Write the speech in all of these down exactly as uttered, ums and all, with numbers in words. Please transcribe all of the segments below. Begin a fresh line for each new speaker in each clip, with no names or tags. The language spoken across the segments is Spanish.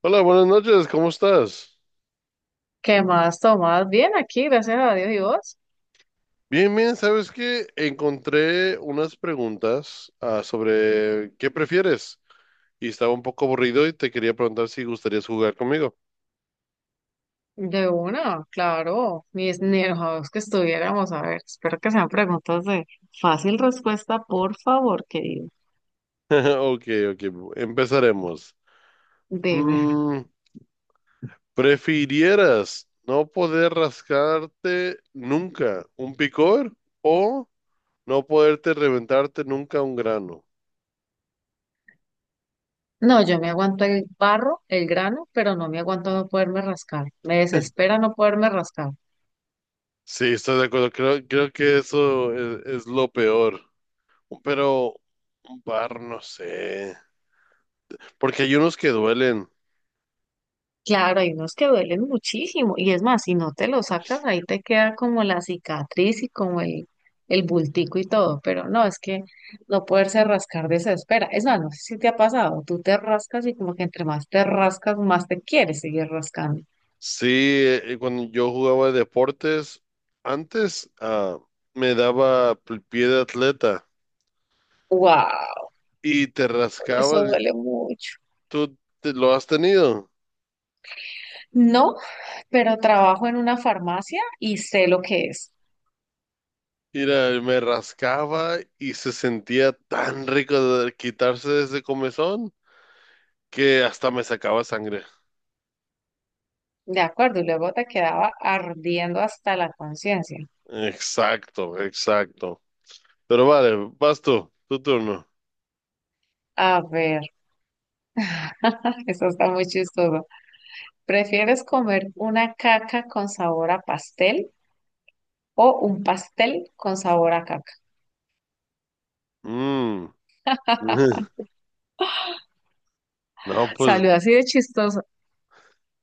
Hola, buenas noches, ¿cómo estás?
¿Qué más, Tomás? Bien aquí, gracias a Dios y vos.
Bien, bien, ¿sabes qué? Encontré unas preguntas ah, sobre qué prefieres y estaba un poco aburrido y te quería preguntar si gustarías jugar conmigo.
De una, claro. Ni, es- ni enojados que estuviéramos. A ver, espero que sean preguntas de fácil respuesta, por favor, querido.
Ok, ok, empezaremos.
Dime.
Mm, ¿prefirieras no poder rascarte nunca un picor o no poderte reventarte nunca un grano?
No, yo me aguanto el barro, el grano, pero no me aguanto no poderme rascar. Me desespera no poderme rascar.
Sí, estoy de acuerdo, creo, creo que eso es es lo peor. Pero un par, no sé. Porque hay unos que duelen.
Claro, hay unos que duelen muchísimo y es más, si no te lo sacas, ahí te queda como la cicatriz y como el, el bultico y todo, pero no, es que no poderse rascar desespera. Es más, no sé si te ha pasado, tú te rascas y como que entre más te rascas, más te quieres seguir rascando.
Sí, eh, cuando yo jugaba deportes, antes ah, me daba el pie de atleta
Wow,
y te
eso
rascaba.
duele mucho.
¿Tú te- lo has tenido?
No, pero trabajo en una farmacia y sé lo que es.
Mira, me rascaba y se sentía tan rico de quitarse de ese comezón que hasta me sacaba sangre.
De acuerdo, y luego te quedaba ardiendo hasta la conciencia.
Exacto, exacto. Pero vale, vas tú, tu turno.
A ver, eso está muy chistoso. ¿Prefieres comer una caca con sabor a pastel o un pastel con sabor a caca?
Mm. No, pues
Salió así de chistoso.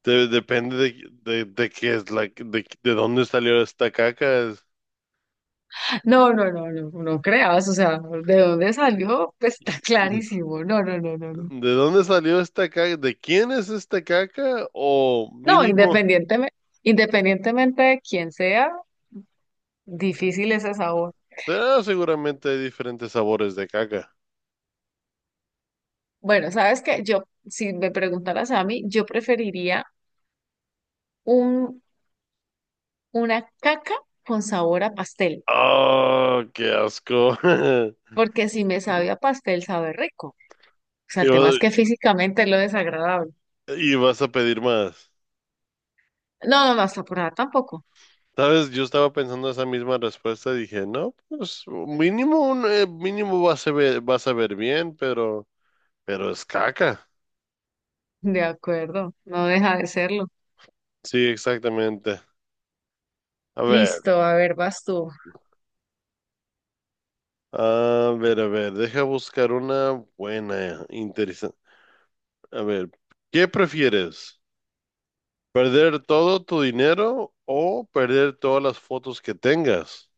de- depende de, de, de qué es la, de, de dónde salió esta caca.
No, no, no, no, no creas, o sea, ¿de dónde salió? Pues está clarísimo. No, no, no, no, no.
¿De dónde salió esta caca? ¿De quién es esta caca? O
No,
mínimo,
independientemente, independientemente de quién sea, difícil ese sabor.
ah, seguramente hay diferentes sabores de caca.
Bueno, sabes que yo, si me preguntaras a mí, yo preferiría un, una caca con sabor a pastel,
Oh, qué asco.
porque si me sabe a pastel, sabe rico. O sea,
Y
el tema
vas,
es que físicamente es lo desagradable.
y vas a pedir más.
No, no, no, hasta por allá tampoco.
¿Sabes? Yo estaba pensando esa misma respuesta. Dije, no, pues mínimo, un, eh, mínimo vas a ver, vas a ver bien, pero, pero es caca.
De acuerdo, no deja de serlo.
Sí, exactamente. A ver.
Listo, a ver, vas tú.
A ver, a ver, deja buscar una buena, interesante. A ver, ¿qué prefieres? ¿Perder todo tu dinero o perder todas las fotos que tengas?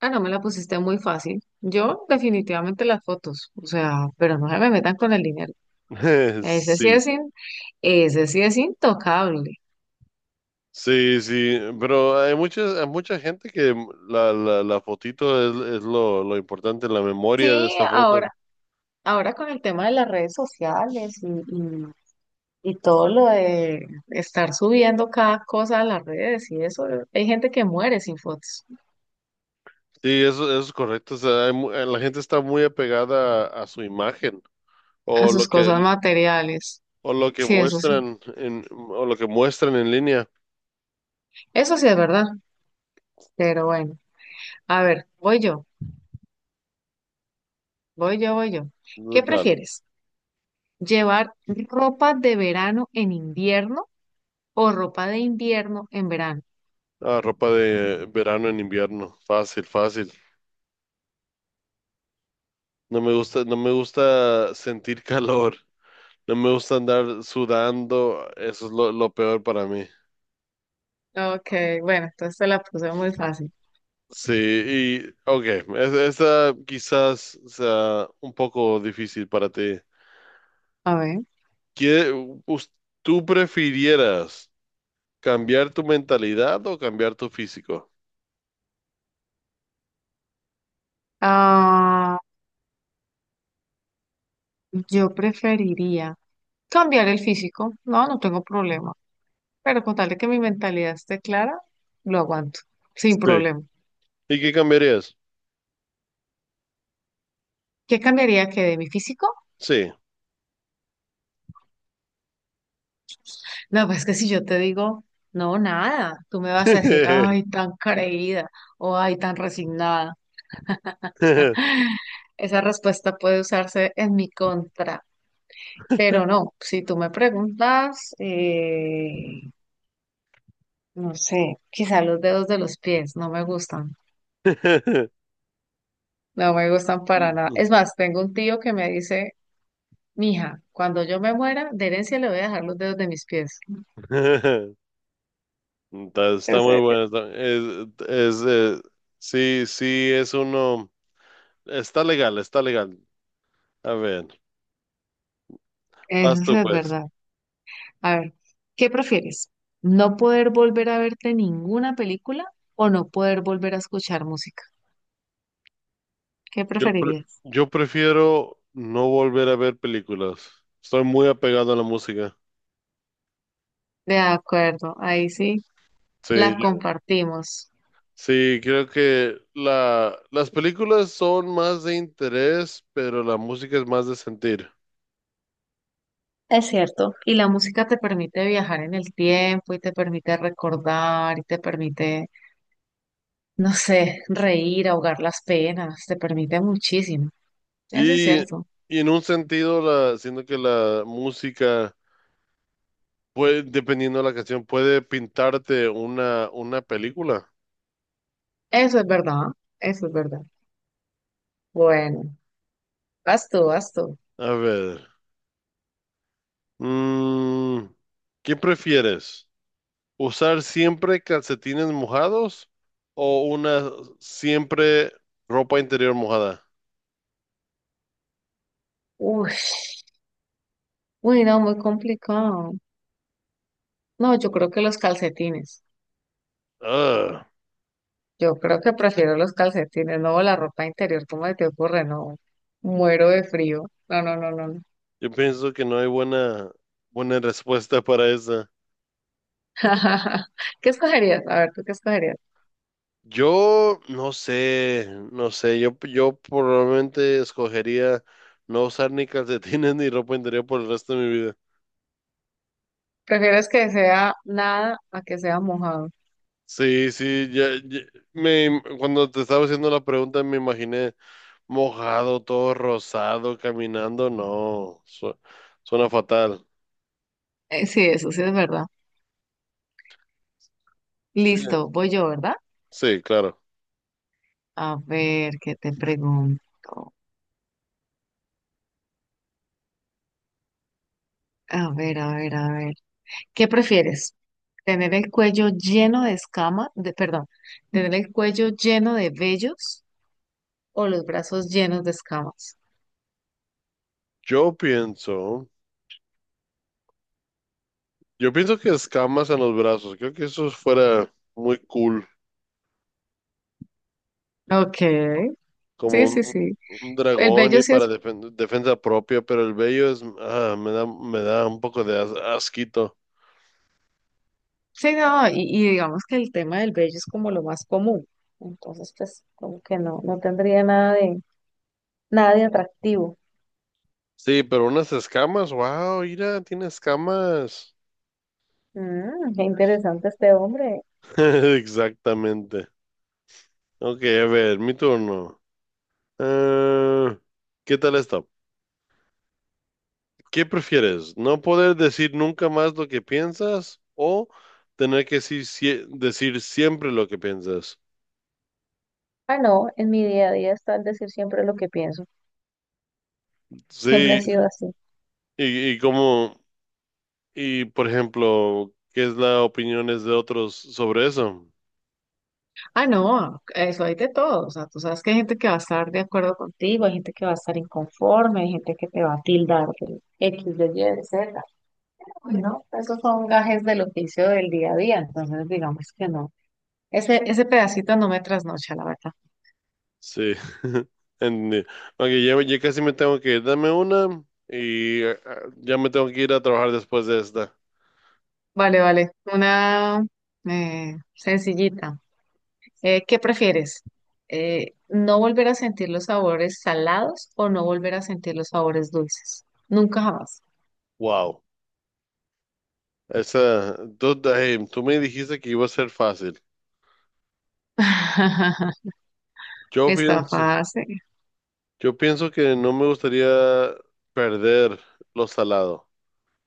Ah, no me la pusiste muy fácil. Yo definitivamente las fotos, o sea, pero no se me metan con el dinero. Ese sí
Sí,
es, in- ese sí es intocable.
sí, sí, pero hay muchas, hay mucha gente que la, la, la fotito es, es lo, lo importante, la memoria de
Sí,
esta foto.
ahora, ahora con el tema de las redes sociales y, y, y todo lo de estar subiendo cada cosa a las redes y eso, hay gente que muere sin fotos,
Sí, eso, eso es correcto. O sea, hay mu- eh, la gente está muy apegada a, a su imagen
a
o lo
sus
que,
cosas materiales.
o lo que
Sí, eso sí.
muestran en, o lo que muestran en línea.
Eso sí es verdad, pero bueno. A ver, voy yo, voy yo, voy yo. ¿Qué
Dale.
prefieres? ¿Llevar ropa de verano en invierno o ropa de invierno en verano?
Ah, ropa de verano en invierno. Fácil, fácil. No me gusta, no me gusta sentir calor. No me gusta andar sudando. Eso es lo, lo peor para mí.
Ok, bueno, entonces te la puse muy fácil.
Sí, y ok, es- esa quizás sea un poco difícil para ti.
A ver.
¿Qué, us- ¿Tú prefirieras cambiar tu mentalidad o cambiar tu físico?
Ah, yo preferiría cambiar el físico. No, no tengo problema. Pero con tal de que mi mentalidad esté clara, lo aguanto, sin
Sí.
problema.
¿Y qué cambiarías?
¿Qué cambiaría que de mi físico?
Sí.
No, pues que si yo te digo, no, nada, tú me vas a decir, ay, tan creída o ay, tan resignada. Esa respuesta puede usarse en mi contra, pero no, si tú me preguntas, eh, no sé, quizá los dedos de los pies no me gustan, no me gustan para nada. Es más, tengo un tío que me dice, mija, cuando yo me muera, de herencia le voy a dejar los dedos de mis pies.
Está, está muy
Ese-
bueno. está- es, es, eh, sí, sí, es uno. Está legal, está legal. A ver,
Eso
vas
sí
tú
es
pues.
verdad. A ver, ¿qué prefieres? ¿No poder volver a verte ninguna película o no poder volver a escuchar música? ¿Qué
Yo, pre-
preferirías?
yo prefiero no volver a ver películas. Estoy muy apegado a la música.
De acuerdo, ahí sí
Sí,
la
yo-
compartimos.
sí, creo que la, las películas son más de interés, pero la música es más de sentir.
Es cierto. Y la música te permite viajar en el tiempo y te permite recordar y te permite, no sé, reír, ahogar las penas, te permite muchísimo. Eso es
Y,
cierto.
y en un sentido, la, siento que la música puede, dependiendo de la canción, puede pintarte una, una película.
Eso es verdad, eso es verdad. Bueno, vas tú, vas tú.
A ver, mm, ¿qué prefieres? ¿Usar siempre calcetines mojados o una siempre ropa interior mojada?
Uy, uy, no, muy complicado. No, yo creo que los calcetines.
Ah,
Yo creo que prefiero los calcetines, no la ropa interior. ¿Cómo te ocurre? No, muero de frío. No, no, no, no, no.
yo pienso que no hay buena, buena respuesta para esa.
¿Qué escogerías? A ver, ¿tú qué escogerías?
Yo no sé, no sé, yo, yo probablemente escogería no usar ni calcetines ni ropa interior por el resto de mi vida.
¿Prefieres que sea nada a que sea mojado?
Sí, sí, ya, ya- me, cuando te estaba haciendo la pregunta me imaginé mojado, todo rosado, caminando, no, su- suena fatal.
Eh, sí, eso sí es verdad.
Sí,
Listo, voy yo, ¿verdad?
sí, claro.
A ver, ¿qué te pregunto? A ver, a ver, a ver. ¿Qué prefieres? ¿Tener el cuello lleno de escamas? De, perdón, ¿tener el cuello lleno de vellos o los brazos llenos de escamas?
Yo pienso, yo pienso que escamas en los brazos, creo que eso fuera muy cool,
Ok,
como
sí, sí,
un,
sí.
un
El
dragón
vello
y
sí es,
para defen- defensa propia, pero el vello es, ah, me da, me da un poco de as- asquito.
sí, no, y, y digamos que el tema del vello es como lo más común. Entonces, pues, como que no, no tendría nada de, nada de atractivo.
Sí, pero unas escamas, wow, mira, tiene escamas.
Mm, qué interesante este hombre.
Exactamente. Ok, a ver, mi turno. Eh, ¿qué tal está? ¿Qué prefieres? ¿No poder decir nunca más lo que piensas o tener que sí- sie- decir siempre lo que piensas?
Ah, no, en mi día a día está el decir siempre lo que pienso. Siempre
Sí,
ha sido así.
y, y cómo, y por ejemplo, ¿qué es la opiniones de otros sobre eso?
Ah, no, eso hay de todo. O sea, tú sabes que hay gente que va a estar de acuerdo contigo, hay gente que va a estar inconforme, hay gente que te va a tildar de X, de Y, de Z. Bueno, esos son gajes del oficio del día a día, entonces digamos que no. Ese, ese pedacito no me trasnocha, la verdad.
Sí, entendí. Ok, ya, ya casi me tengo que ir. Dame una y eh, ya me tengo que ir a trabajar después de esta.
Vale, vale. Una eh, sencillita. Eh, ¿qué prefieres? Eh, ¿no volver a sentir los sabores salados o no volver a sentir los sabores dulces? Nunca jamás.
Wow. Esa, tú, eh, tú me dijiste que iba a ser fácil. Yo
Está
pienso,
fácil.
yo pienso que no me gustaría perder lo salado.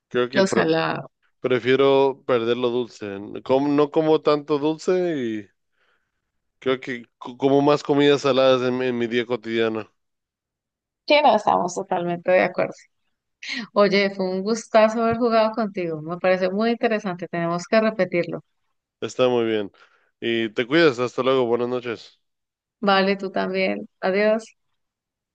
Creo que
Los
pre-
salados.
prefiero perder lo dulce. Como- no como tanto dulce y creo que co- como más comidas saladas en mi en mi día cotidiano.
Sí, no, estamos totalmente de acuerdo. Oye, fue un gustazo haber jugado contigo. Me parece muy interesante. Tenemos que repetirlo.
Está muy bien. Y te cuidas, hasta luego, buenas noches.
Vale, tú también. Adiós.